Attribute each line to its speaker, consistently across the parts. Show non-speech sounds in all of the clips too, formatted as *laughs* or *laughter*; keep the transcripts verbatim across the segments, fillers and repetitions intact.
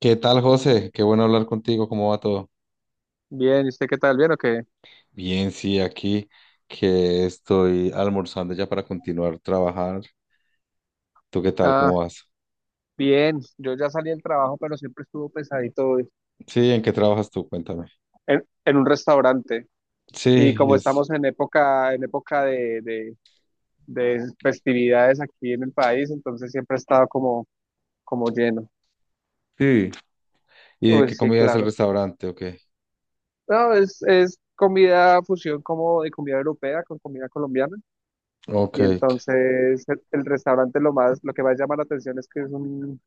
Speaker 1: ¿Qué tal, José? Qué bueno hablar contigo. ¿Cómo va todo?
Speaker 2: Bien, ¿y usted qué tal? ¿Bien o qué?
Speaker 1: Bien, sí, aquí que estoy almorzando ya para continuar trabajar. ¿Tú qué tal?
Speaker 2: Ah,
Speaker 1: ¿Cómo vas?
Speaker 2: bien, yo ya salí del trabajo, pero siempre estuvo pesadito hoy
Speaker 1: Sí, ¿en qué trabajas tú? Cuéntame.
Speaker 2: en, en un restaurante. Y
Speaker 1: Sí,
Speaker 2: como
Speaker 1: es.
Speaker 2: estamos en época, en época de, de, de festividades aquí en el país, entonces siempre ha estado como, como lleno.
Speaker 1: Sí. ¿Y de
Speaker 2: Uy,
Speaker 1: qué
Speaker 2: sí,
Speaker 1: comida es el
Speaker 2: claro.
Speaker 1: restaurante? Ok.
Speaker 2: No, es, es comida fusión como de comida europea con comida colombiana.
Speaker 1: Ok,
Speaker 2: Y
Speaker 1: qu-
Speaker 2: entonces el, el restaurante lo más, lo que más llama la atención es que es un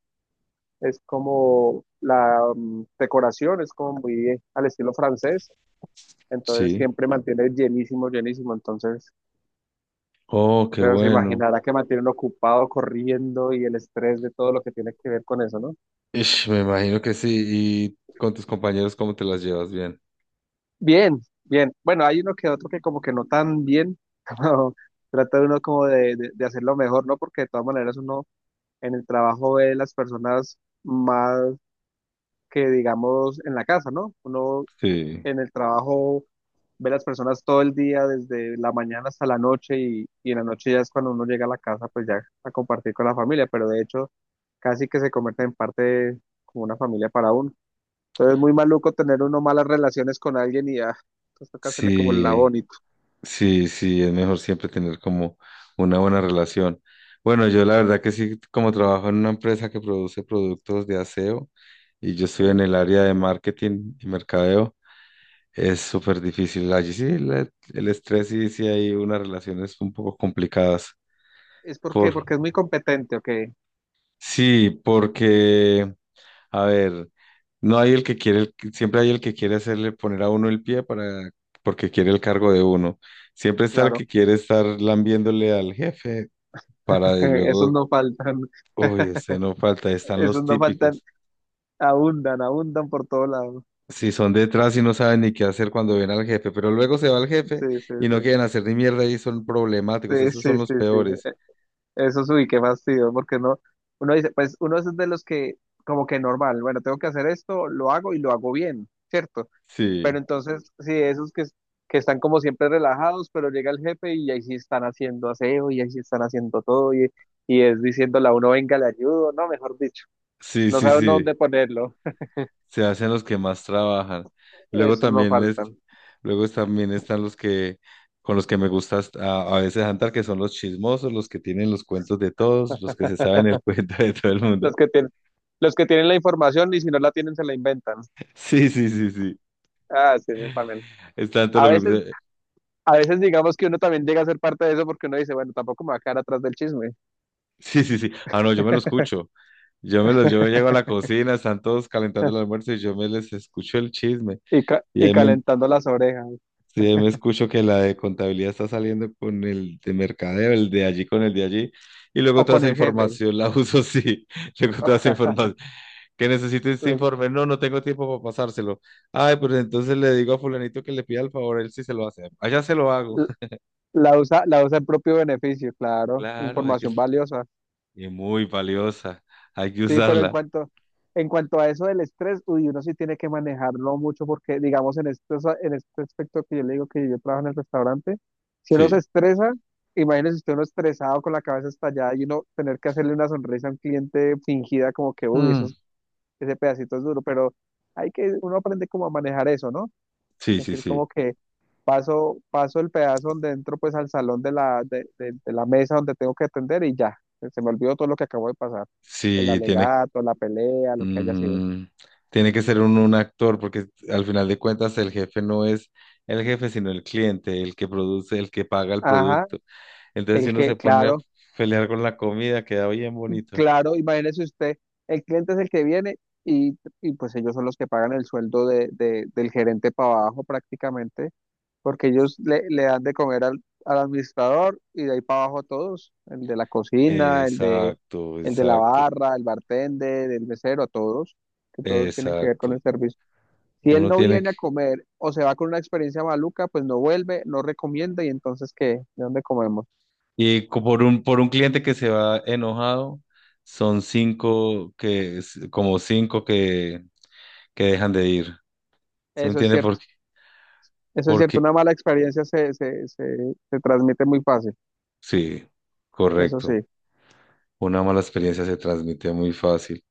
Speaker 2: es como la mm, decoración es como muy eh, al estilo francés, entonces
Speaker 1: sí.
Speaker 2: siempre mantiene llenísimo, llenísimo, entonces,
Speaker 1: Oh, qué
Speaker 2: pero se
Speaker 1: bueno.
Speaker 2: imaginará que mantienen ocupado corriendo y el estrés de todo lo que tiene que ver con eso, ¿no?
Speaker 1: Ish, me imagino que sí. ¿Y con tus compañeros cómo te las llevas bien?
Speaker 2: Bien, bien, bueno, hay uno que otro que como que no tan bien, *laughs* como trata uno como de, de, de hacerlo mejor, ¿no? Porque de todas maneras uno en el trabajo ve las personas más que digamos en la casa, ¿no? Uno
Speaker 1: Sí.
Speaker 2: en el trabajo ve las personas todo el día, desde la mañana hasta la noche, y, y en la noche ya es cuando uno llega a la casa, pues ya a compartir con la familia, pero de hecho casi que se convierte en parte de- como una familia para uno. Entonces es muy maluco tener uno malas relaciones con alguien y ya, pues toca hacerle como el la
Speaker 1: Sí.
Speaker 2: bonito,
Speaker 1: Sí, sí, es mejor siempre tener como una buena relación. Bueno, yo la verdad que sí, como trabajo en una empresa que produce productos de aseo y yo estoy
Speaker 2: ¿sí?
Speaker 1: en el área de marketing y mercadeo, es súper difícil. Allí sí, la- el estrés y sí sí hay unas relaciones un poco complicadas.
Speaker 2: ¿Es por qué?
Speaker 1: Por,
Speaker 2: Porque es muy competente, ok,
Speaker 1: sí, porque, a ver, no hay el que quiere, el- siempre hay el que quiere hacerle poner a uno el pie para, porque quiere el cargo de uno. Siempre está el
Speaker 2: claro,
Speaker 1: que quiere estar lambiéndole al jefe para de
Speaker 2: *laughs* esos
Speaker 1: luego,
Speaker 2: no faltan,
Speaker 1: uy, este no falta, están los
Speaker 2: esos no faltan,
Speaker 1: típicos.
Speaker 2: abundan, abundan por todo lado,
Speaker 1: Si son detrás y no saben ni qué hacer cuando ven al jefe, pero luego se va el
Speaker 2: sí,
Speaker 1: jefe
Speaker 2: sí,
Speaker 1: y no
Speaker 2: sí.
Speaker 1: quieren hacer ni mierda y son problemáticos,
Speaker 2: Sí,
Speaker 1: esos son
Speaker 2: sí,
Speaker 1: los
Speaker 2: sí, sí.
Speaker 1: peores.
Speaker 2: Eso sí, qué fastidio, porque no, uno dice, pues uno es de los que como que normal, bueno, tengo que hacer esto, lo hago y lo hago bien, ¿cierto? Pero
Speaker 1: Sí,
Speaker 2: entonces, sí, esos que, que están como siempre relajados, pero llega el jefe y ahí sí están haciendo aseo y ahí sí están haciendo todo y, y es diciéndole a uno, venga, le ayudo, no, mejor dicho,
Speaker 1: sí,
Speaker 2: no
Speaker 1: sí,
Speaker 2: sabe uno
Speaker 1: sí,
Speaker 2: dónde ponerlo,
Speaker 1: se hacen los que más trabajan. Luego
Speaker 2: esos no
Speaker 1: también es,
Speaker 2: faltan.
Speaker 1: Luego también están los que, con los que me gusta hasta- a, a veces andar, que son los chismosos, los que tienen los cuentos de todos, los que se saben el *laughs* cuento de todo el mundo.
Speaker 2: Los que tienen, los que tienen la información y si no la tienen se la inventan.
Speaker 1: Sí, sí, sí, sí.
Speaker 2: Ah, sí, no, también.
Speaker 1: Es tanto
Speaker 2: A
Speaker 1: los
Speaker 2: veces
Speaker 1: grupos.
Speaker 2: a veces digamos que uno también llega a ser parte de eso porque uno dice, bueno, tampoco me va a quedar atrás del chisme
Speaker 1: Sí, sí, sí. Ah, no, yo me lo escucho. Yo me los, yo llego a la cocina, están todos calentando el almuerzo y yo me les escucho el chisme.
Speaker 2: y, ca-
Speaker 1: Y
Speaker 2: y
Speaker 1: ahí me,
Speaker 2: calentando las orejas
Speaker 1: sí, ahí me escucho que la de contabilidad está saliendo con el de mercadeo, el de allí con el de allí. Y luego
Speaker 2: o
Speaker 1: toda
Speaker 2: con
Speaker 1: esa
Speaker 2: el jefe.
Speaker 1: información la *laughs* uso, sí. Luego toda esa
Speaker 2: *laughs*
Speaker 1: información. ¿Que necesito este
Speaker 2: Le-
Speaker 1: informe? No, no tengo tiempo para pasárselo. Ay, pues entonces le digo a fulanito que le pida el favor, él sí se lo hace. Allá se lo hago.
Speaker 2: l-
Speaker 1: *laughs*
Speaker 2: La usa, la usa en propio beneficio, claro,
Speaker 1: Claro, hay que...
Speaker 2: información valiosa.
Speaker 1: Y muy valiosa. Hay que
Speaker 2: Sí, pero en
Speaker 1: usarla.
Speaker 2: cuanto, en cuanto a eso del estrés, uy, uno sí tiene que manejarlo mucho porque, digamos, en este, en este aspecto que yo le digo que yo trabajo en el restaurante, si uno se
Speaker 1: Sí.
Speaker 2: estresa, imagínese usted uno estresado con la cabeza estallada y uno tener que hacerle una sonrisa a un cliente fingida como que, uy, eso
Speaker 1: Mm.
Speaker 2: ese pedacito es duro, pero hay que, uno aprende como a manejar eso, ¿no?
Speaker 1: Sí,
Speaker 2: Es
Speaker 1: sí,
Speaker 2: decir, como
Speaker 1: sí.
Speaker 2: que paso, paso el pedazo donde entro pues al salón de la, de, de- de la mesa donde tengo que atender y ya, se me olvidó todo lo que acabo de pasar, el
Speaker 1: Sí, tiene,
Speaker 2: alegato, la pelea, lo que haya sido.
Speaker 1: mm, Tiene que ser un, un actor, porque al final de cuentas el jefe no es el jefe, sino el cliente, el que produce, el que paga el
Speaker 2: Ajá,
Speaker 1: producto. Entonces, si
Speaker 2: el
Speaker 1: uno
Speaker 2: que,
Speaker 1: se pone a
Speaker 2: claro,
Speaker 1: pelear con la comida, queda bien bonito.
Speaker 2: claro, imagínese usted, el cliente es el que viene y, y pues ellos son los que pagan el sueldo de, de- del gerente para abajo prácticamente. Porque ellos le, le dan de comer al, al administrador y de ahí para abajo todos, el de la cocina, el de,
Speaker 1: Exacto,
Speaker 2: el de la
Speaker 1: exacto,
Speaker 2: barra, el bartender, el mesero, todos, que todos tienen que ver con
Speaker 1: exacto.
Speaker 2: el servicio. Si él
Speaker 1: Uno
Speaker 2: no
Speaker 1: tiene que...
Speaker 2: viene a comer o se va con una experiencia maluca, pues no vuelve, no recomienda y entonces ¿qué? ¿De dónde comemos?
Speaker 1: Y co- por un, por un cliente que se va enojado, son cinco que, como cinco que, que dejan de ir. ¿Se me
Speaker 2: Eso es
Speaker 1: entiende?
Speaker 2: cierto,
Speaker 1: Porque,
Speaker 2: eso es cierto,
Speaker 1: porque
Speaker 2: una mala experiencia se, se, se, se transmite muy fácil,
Speaker 1: sí,
Speaker 2: eso sí.
Speaker 1: correcto. Una mala experiencia se transmite muy fácil.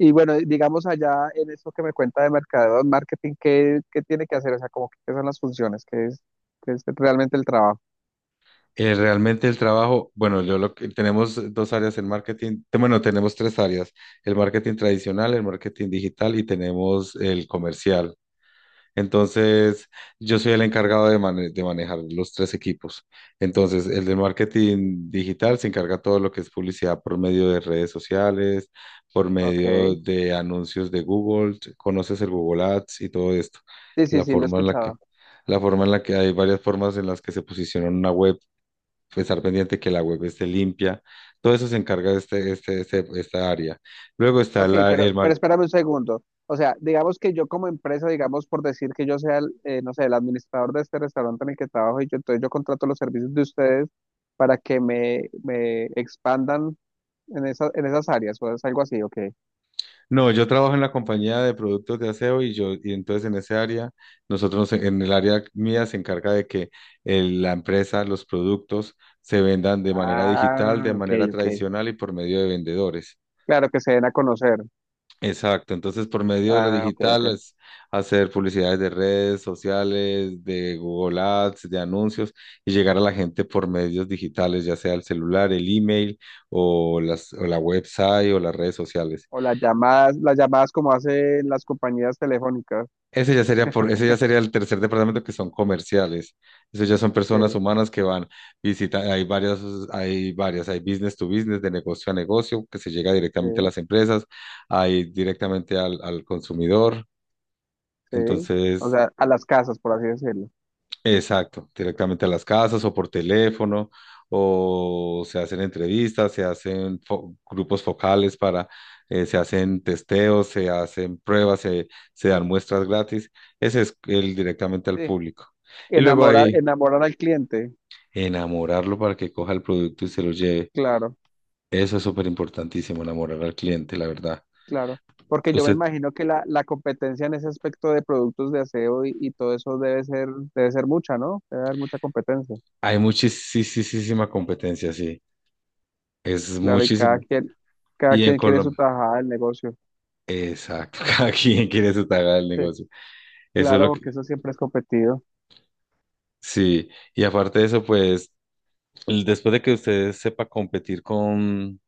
Speaker 2: Y bueno, digamos allá en eso que me cuenta de mercadeo, marketing, ¿qué, qué tiene que hacer? O sea, como que, qué son las funciones, qué es, qué es realmente el trabajo.
Speaker 1: Eh, realmente el trabajo, bueno, yo lo que tenemos dos áreas en marketing, te- bueno, tenemos tres áreas, el marketing tradicional, el marketing digital y tenemos el comercial. Entonces, yo soy el encargado de, mane- de manejar los tres equipos. Entonces, el de marketing digital se encarga todo lo que es publicidad por medio de redes sociales, por
Speaker 2: Ok.
Speaker 1: medio de anuncios de Google. Conoces el Google Ads y todo esto.
Speaker 2: Sí, sí,
Speaker 1: La
Speaker 2: sí, lo he
Speaker 1: forma en la que,
Speaker 2: escuchado.
Speaker 1: la forma en la que hay varias formas en las que se posiciona una web, pues, estar pendiente que la web esté limpia. Todo eso se encarga de este, este, este- esta área. Luego está
Speaker 2: Ok,
Speaker 1: la, el
Speaker 2: pero, pero
Speaker 1: marketing.
Speaker 2: espérame un segundo. O sea, digamos que yo como empresa, digamos por decir que yo sea, el, eh, no sé, el administrador de este restaurante en el que trabajo y yo, entonces yo contrato los servicios de ustedes para que me, me expandan en esa- en esas áreas o es algo así, ok.
Speaker 1: No, yo trabajo en la compañía de productos de aseo y yo, y entonces en ese área, nosotros en en el área mía se encarga de que el- la empresa, los productos se vendan de manera digital, de
Speaker 2: Ah, ok,
Speaker 1: manera
Speaker 2: ok.
Speaker 1: tradicional y por medio de vendedores.
Speaker 2: Claro, que se den a conocer.
Speaker 1: Exacto, entonces por medio de lo
Speaker 2: Ah, ok, ok.
Speaker 1: digital es hacer publicidades de redes sociales, de Google Ads, de anuncios y llegar a la gente por medios digitales, ya sea el celular, el email o las, o la website o las redes sociales.
Speaker 2: O las llamadas, las llamadas como hacen las compañías telefónicas.
Speaker 1: Ese ya sería por, ese ya sería el tercer departamento que son comerciales. Esos ya son
Speaker 2: Sí,
Speaker 1: personas humanas que van, visitan, hay varias, hay varias, hay business to business, de negocio a negocio, que se llega
Speaker 2: sí,
Speaker 1: directamente a las empresas, hay directamente al, al consumidor.
Speaker 2: sí. O
Speaker 1: Entonces,
Speaker 2: sea, a las casas, por así decirlo.
Speaker 1: exacto, directamente a las casas o por teléfono, o se hacen entrevistas, se hacen fo- grupos focales para, eh, se hacen testeos, se hacen pruebas, se, se dan muestras gratis. Ese es el directamente al
Speaker 2: Sí.
Speaker 1: público. Y luego
Speaker 2: Enamorar,
Speaker 1: ahí,
Speaker 2: enamorar al cliente.
Speaker 1: enamorarlo para que coja el producto y se lo lleve.
Speaker 2: Claro,
Speaker 1: Eso es súper importantísimo, enamorar al cliente, la verdad.
Speaker 2: claro. Porque yo me
Speaker 1: Usted,
Speaker 2: imagino que la, la competencia en ese aspecto de productos de aseo y, y todo eso debe ser, debe ser mucha, ¿no? Debe haber mucha competencia.
Speaker 1: hay muchísima competencia, sí, es
Speaker 2: Claro, y cada
Speaker 1: muchísimo.
Speaker 2: quien, cada
Speaker 1: Y en
Speaker 2: quien quiere su
Speaker 1: Colombia.
Speaker 2: tajada del negocio.
Speaker 1: Exacto, *laughs* cada quien quiere su taga del
Speaker 2: Sí,
Speaker 1: negocio. Eso es
Speaker 2: claro,
Speaker 1: lo que,
Speaker 2: porque eso siempre es competido.
Speaker 1: sí, y aparte de eso, pues, l- después de que usted sepa competir con,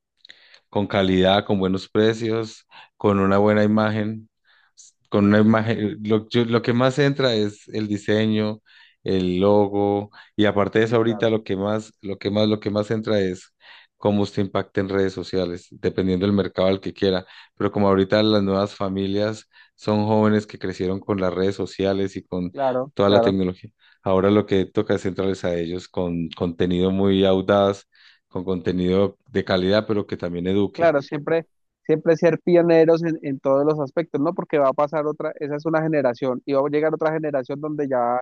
Speaker 1: con calidad, con buenos precios, con una buena imagen, s- con una imagen, lo, yo- lo que más entra es el diseño, el logo, y aparte de eso ahorita
Speaker 2: Claro,
Speaker 1: lo que más, lo que más, lo que más entra es cómo usted impacta en redes sociales, dependiendo del mercado al que quiera. Pero como ahorita las nuevas familias son jóvenes que crecieron con las redes sociales y con
Speaker 2: claro,
Speaker 1: toda la
Speaker 2: claro.
Speaker 1: tecnología, ahora lo que toca es centrarles a ellos con contenido muy audaz con contenido de calidad, pero que también eduque.
Speaker 2: Claro, siempre, siempre ser pioneros en, en todos los aspectos, ¿no? Porque va a pasar otra, esa es una generación, y va a llegar otra generación donde ya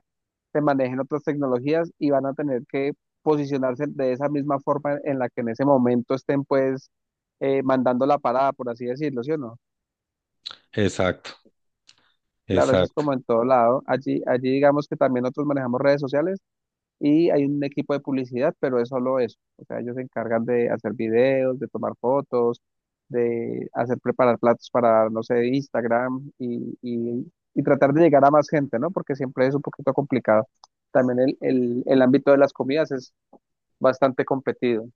Speaker 2: se manejen otras tecnologías y van a tener que posicionarse de esa misma forma en la que en ese momento estén, pues, eh, mandando la parada, por así decirlo, ¿sí o no?
Speaker 1: Exacto,
Speaker 2: Claro, eso es
Speaker 1: exacto.
Speaker 2: como en todo lado. Allí, allí digamos que también nosotros manejamos redes sociales y hay un equipo de publicidad, pero es solo eso. O sea, ellos se encargan de hacer videos, de tomar fotos, de hacer preparar platos para, no sé, Instagram y, y- y tratar de llegar a más gente, ¿no? Porque siempre es un poquito complicado. También el, el- el ámbito de las comidas es bastante competido.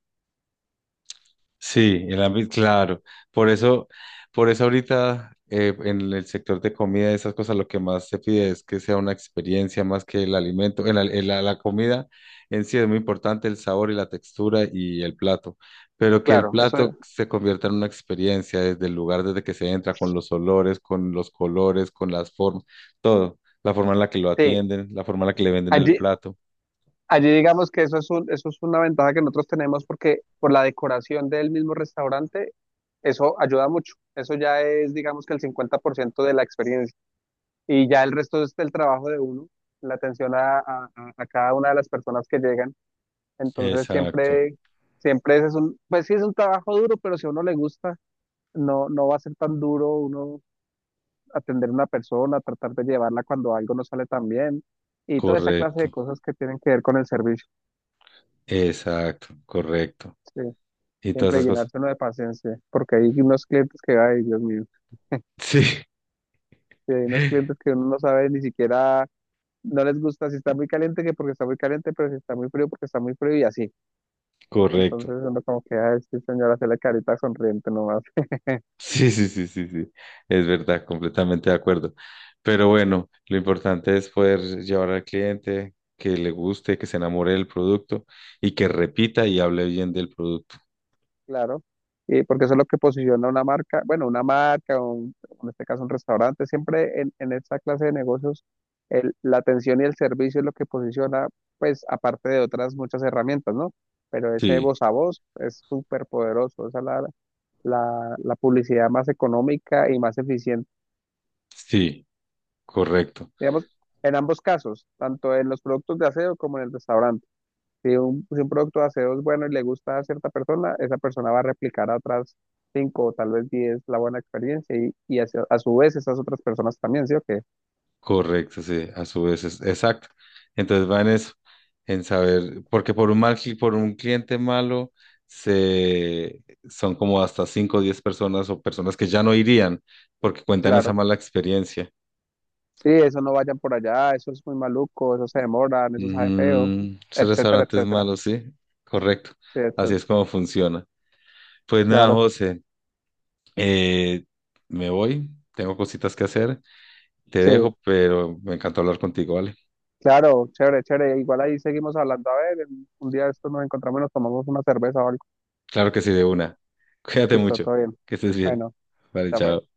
Speaker 1: Sí, el ámbito, claro. Por eso, por eso ahorita eh, en el sector de comida y esas cosas, lo que más se pide es que sea una experiencia más que el alimento. El al- el- la, la comida en sí es muy importante, el sabor y la textura y el plato, pero que el
Speaker 2: Claro, eso
Speaker 1: plato se convierta en una experiencia desde el lugar desde que se entra, con los olores, con los colores, con las formas, todo. La forma en la que lo
Speaker 2: sí.
Speaker 1: atienden, la forma en la que le venden el
Speaker 2: Allí,
Speaker 1: plato.
Speaker 2: allí digamos que eso es un- eso es una ventaja que nosotros tenemos porque por la decoración del mismo restaurante, eso ayuda mucho. Eso ya es, digamos que el cincuenta por ciento de la experiencia. Y ya el resto es el trabajo de uno, la atención a, a- a- a cada una de las personas que llegan. Entonces
Speaker 1: Exacto,
Speaker 2: siempre, siempre ese es un, pues sí es un trabajo duro, pero si a uno le gusta, no, no va a ser tan duro uno atender a una persona, tratar de llevarla cuando algo no sale tan bien y toda esa clase de
Speaker 1: correcto,
Speaker 2: cosas que tienen que ver con el servicio.
Speaker 1: exacto, correcto.
Speaker 2: Sí.
Speaker 1: Y todas
Speaker 2: Siempre
Speaker 1: esas cosas.
Speaker 2: llenarse uno de paciencia, porque hay unos clientes que, ay, Dios mío,
Speaker 1: Sí,
Speaker 2: sí, hay unos
Speaker 1: *laughs*
Speaker 2: clientes que uno no sabe ni siquiera, no les gusta si está muy caliente que porque está muy caliente, pero si está muy frío porque está muy frío y así.
Speaker 1: correcto.
Speaker 2: Entonces uno como que, ay, sí, señora, hace la carita sonriente nomás,
Speaker 1: Sí, sí, sí, sí, sí. Es verdad, completamente de acuerdo. Pero bueno, lo importante es poder llevar al cliente que le guste, que se enamore del producto y que repita y hable bien del producto.
Speaker 2: claro. Y porque eso es lo que posiciona una marca, bueno, una marca, un- en este caso un restaurante, siempre en, en esta clase de negocios, el- la atención y el servicio es lo que posiciona, pues aparte de otras muchas herramientas, ¿no? Pero ese
Speaker 1: Sí,
Speaker 2: voz a voz es súper poderoso, esa es la, la, la publicidad más económica y más eficiente,
Speaker 1: sí, correcto.
Speaker 2: digamos, en ambos casos, tanto en los productos de aseo como en el restaurante. Si un, si un producto de aseo es bueno y le gusta a cierta persona, esa persona va a replicar a otras cinco o tal vez diez la buena experiencia y, y hacia- a su vez esas otras personas también, ¿sí o qué?
Speaker 1: Correcto, sí, a su vez es exacto. Entonces va en eso, en saber, porque por un mal, cli- por un cliente malo, se, son como hasta cinco o diez personas o personas que ya no irían porque cuentan esa
Speaker 2: Claro.
Speaker 1: mala experiencia.
Speaker 2: Sí, eso no vayan por allá, eso es muy maluco, eso se demoran, eso sabe feo,
Speaker 1: Ujú, esos
Speaker 2: etcétera,
Speaker 1: restaurantes
Speaker 2: etcétera.
Speaker 1: malos, sí, correcto.
Speaker 2: Sí,
Speaker 1: Así
Speaker 2: etcétera.
Speaker 1: es como funciona. Pues nada,
Speaker 2: Claro,
Speaker 1: José, eh, me voy, tengo cositas que hacer, te
Speaker 2: sí,
Speaker 1: dejo, pero me encantó hablar contigo, ¿vale?
Speaker 2: claro, chévere, chévere. Igual ahí seguimos hablando. A ver, en- un día de estos nos encontramos y nos tomamos una cerveza o algo.
Speaker 1: Claro que sí, de una. *laughs* Cuídate
Speaker 2: Listo,
Speaker 1: mucho.
Speaker 2: todo bien.
Speaker 1: Que estés bien.
Speaker 2: Bueno,
Speaker 1: Vale,
Speaker 2: ya fue.
Speaker 1: chao.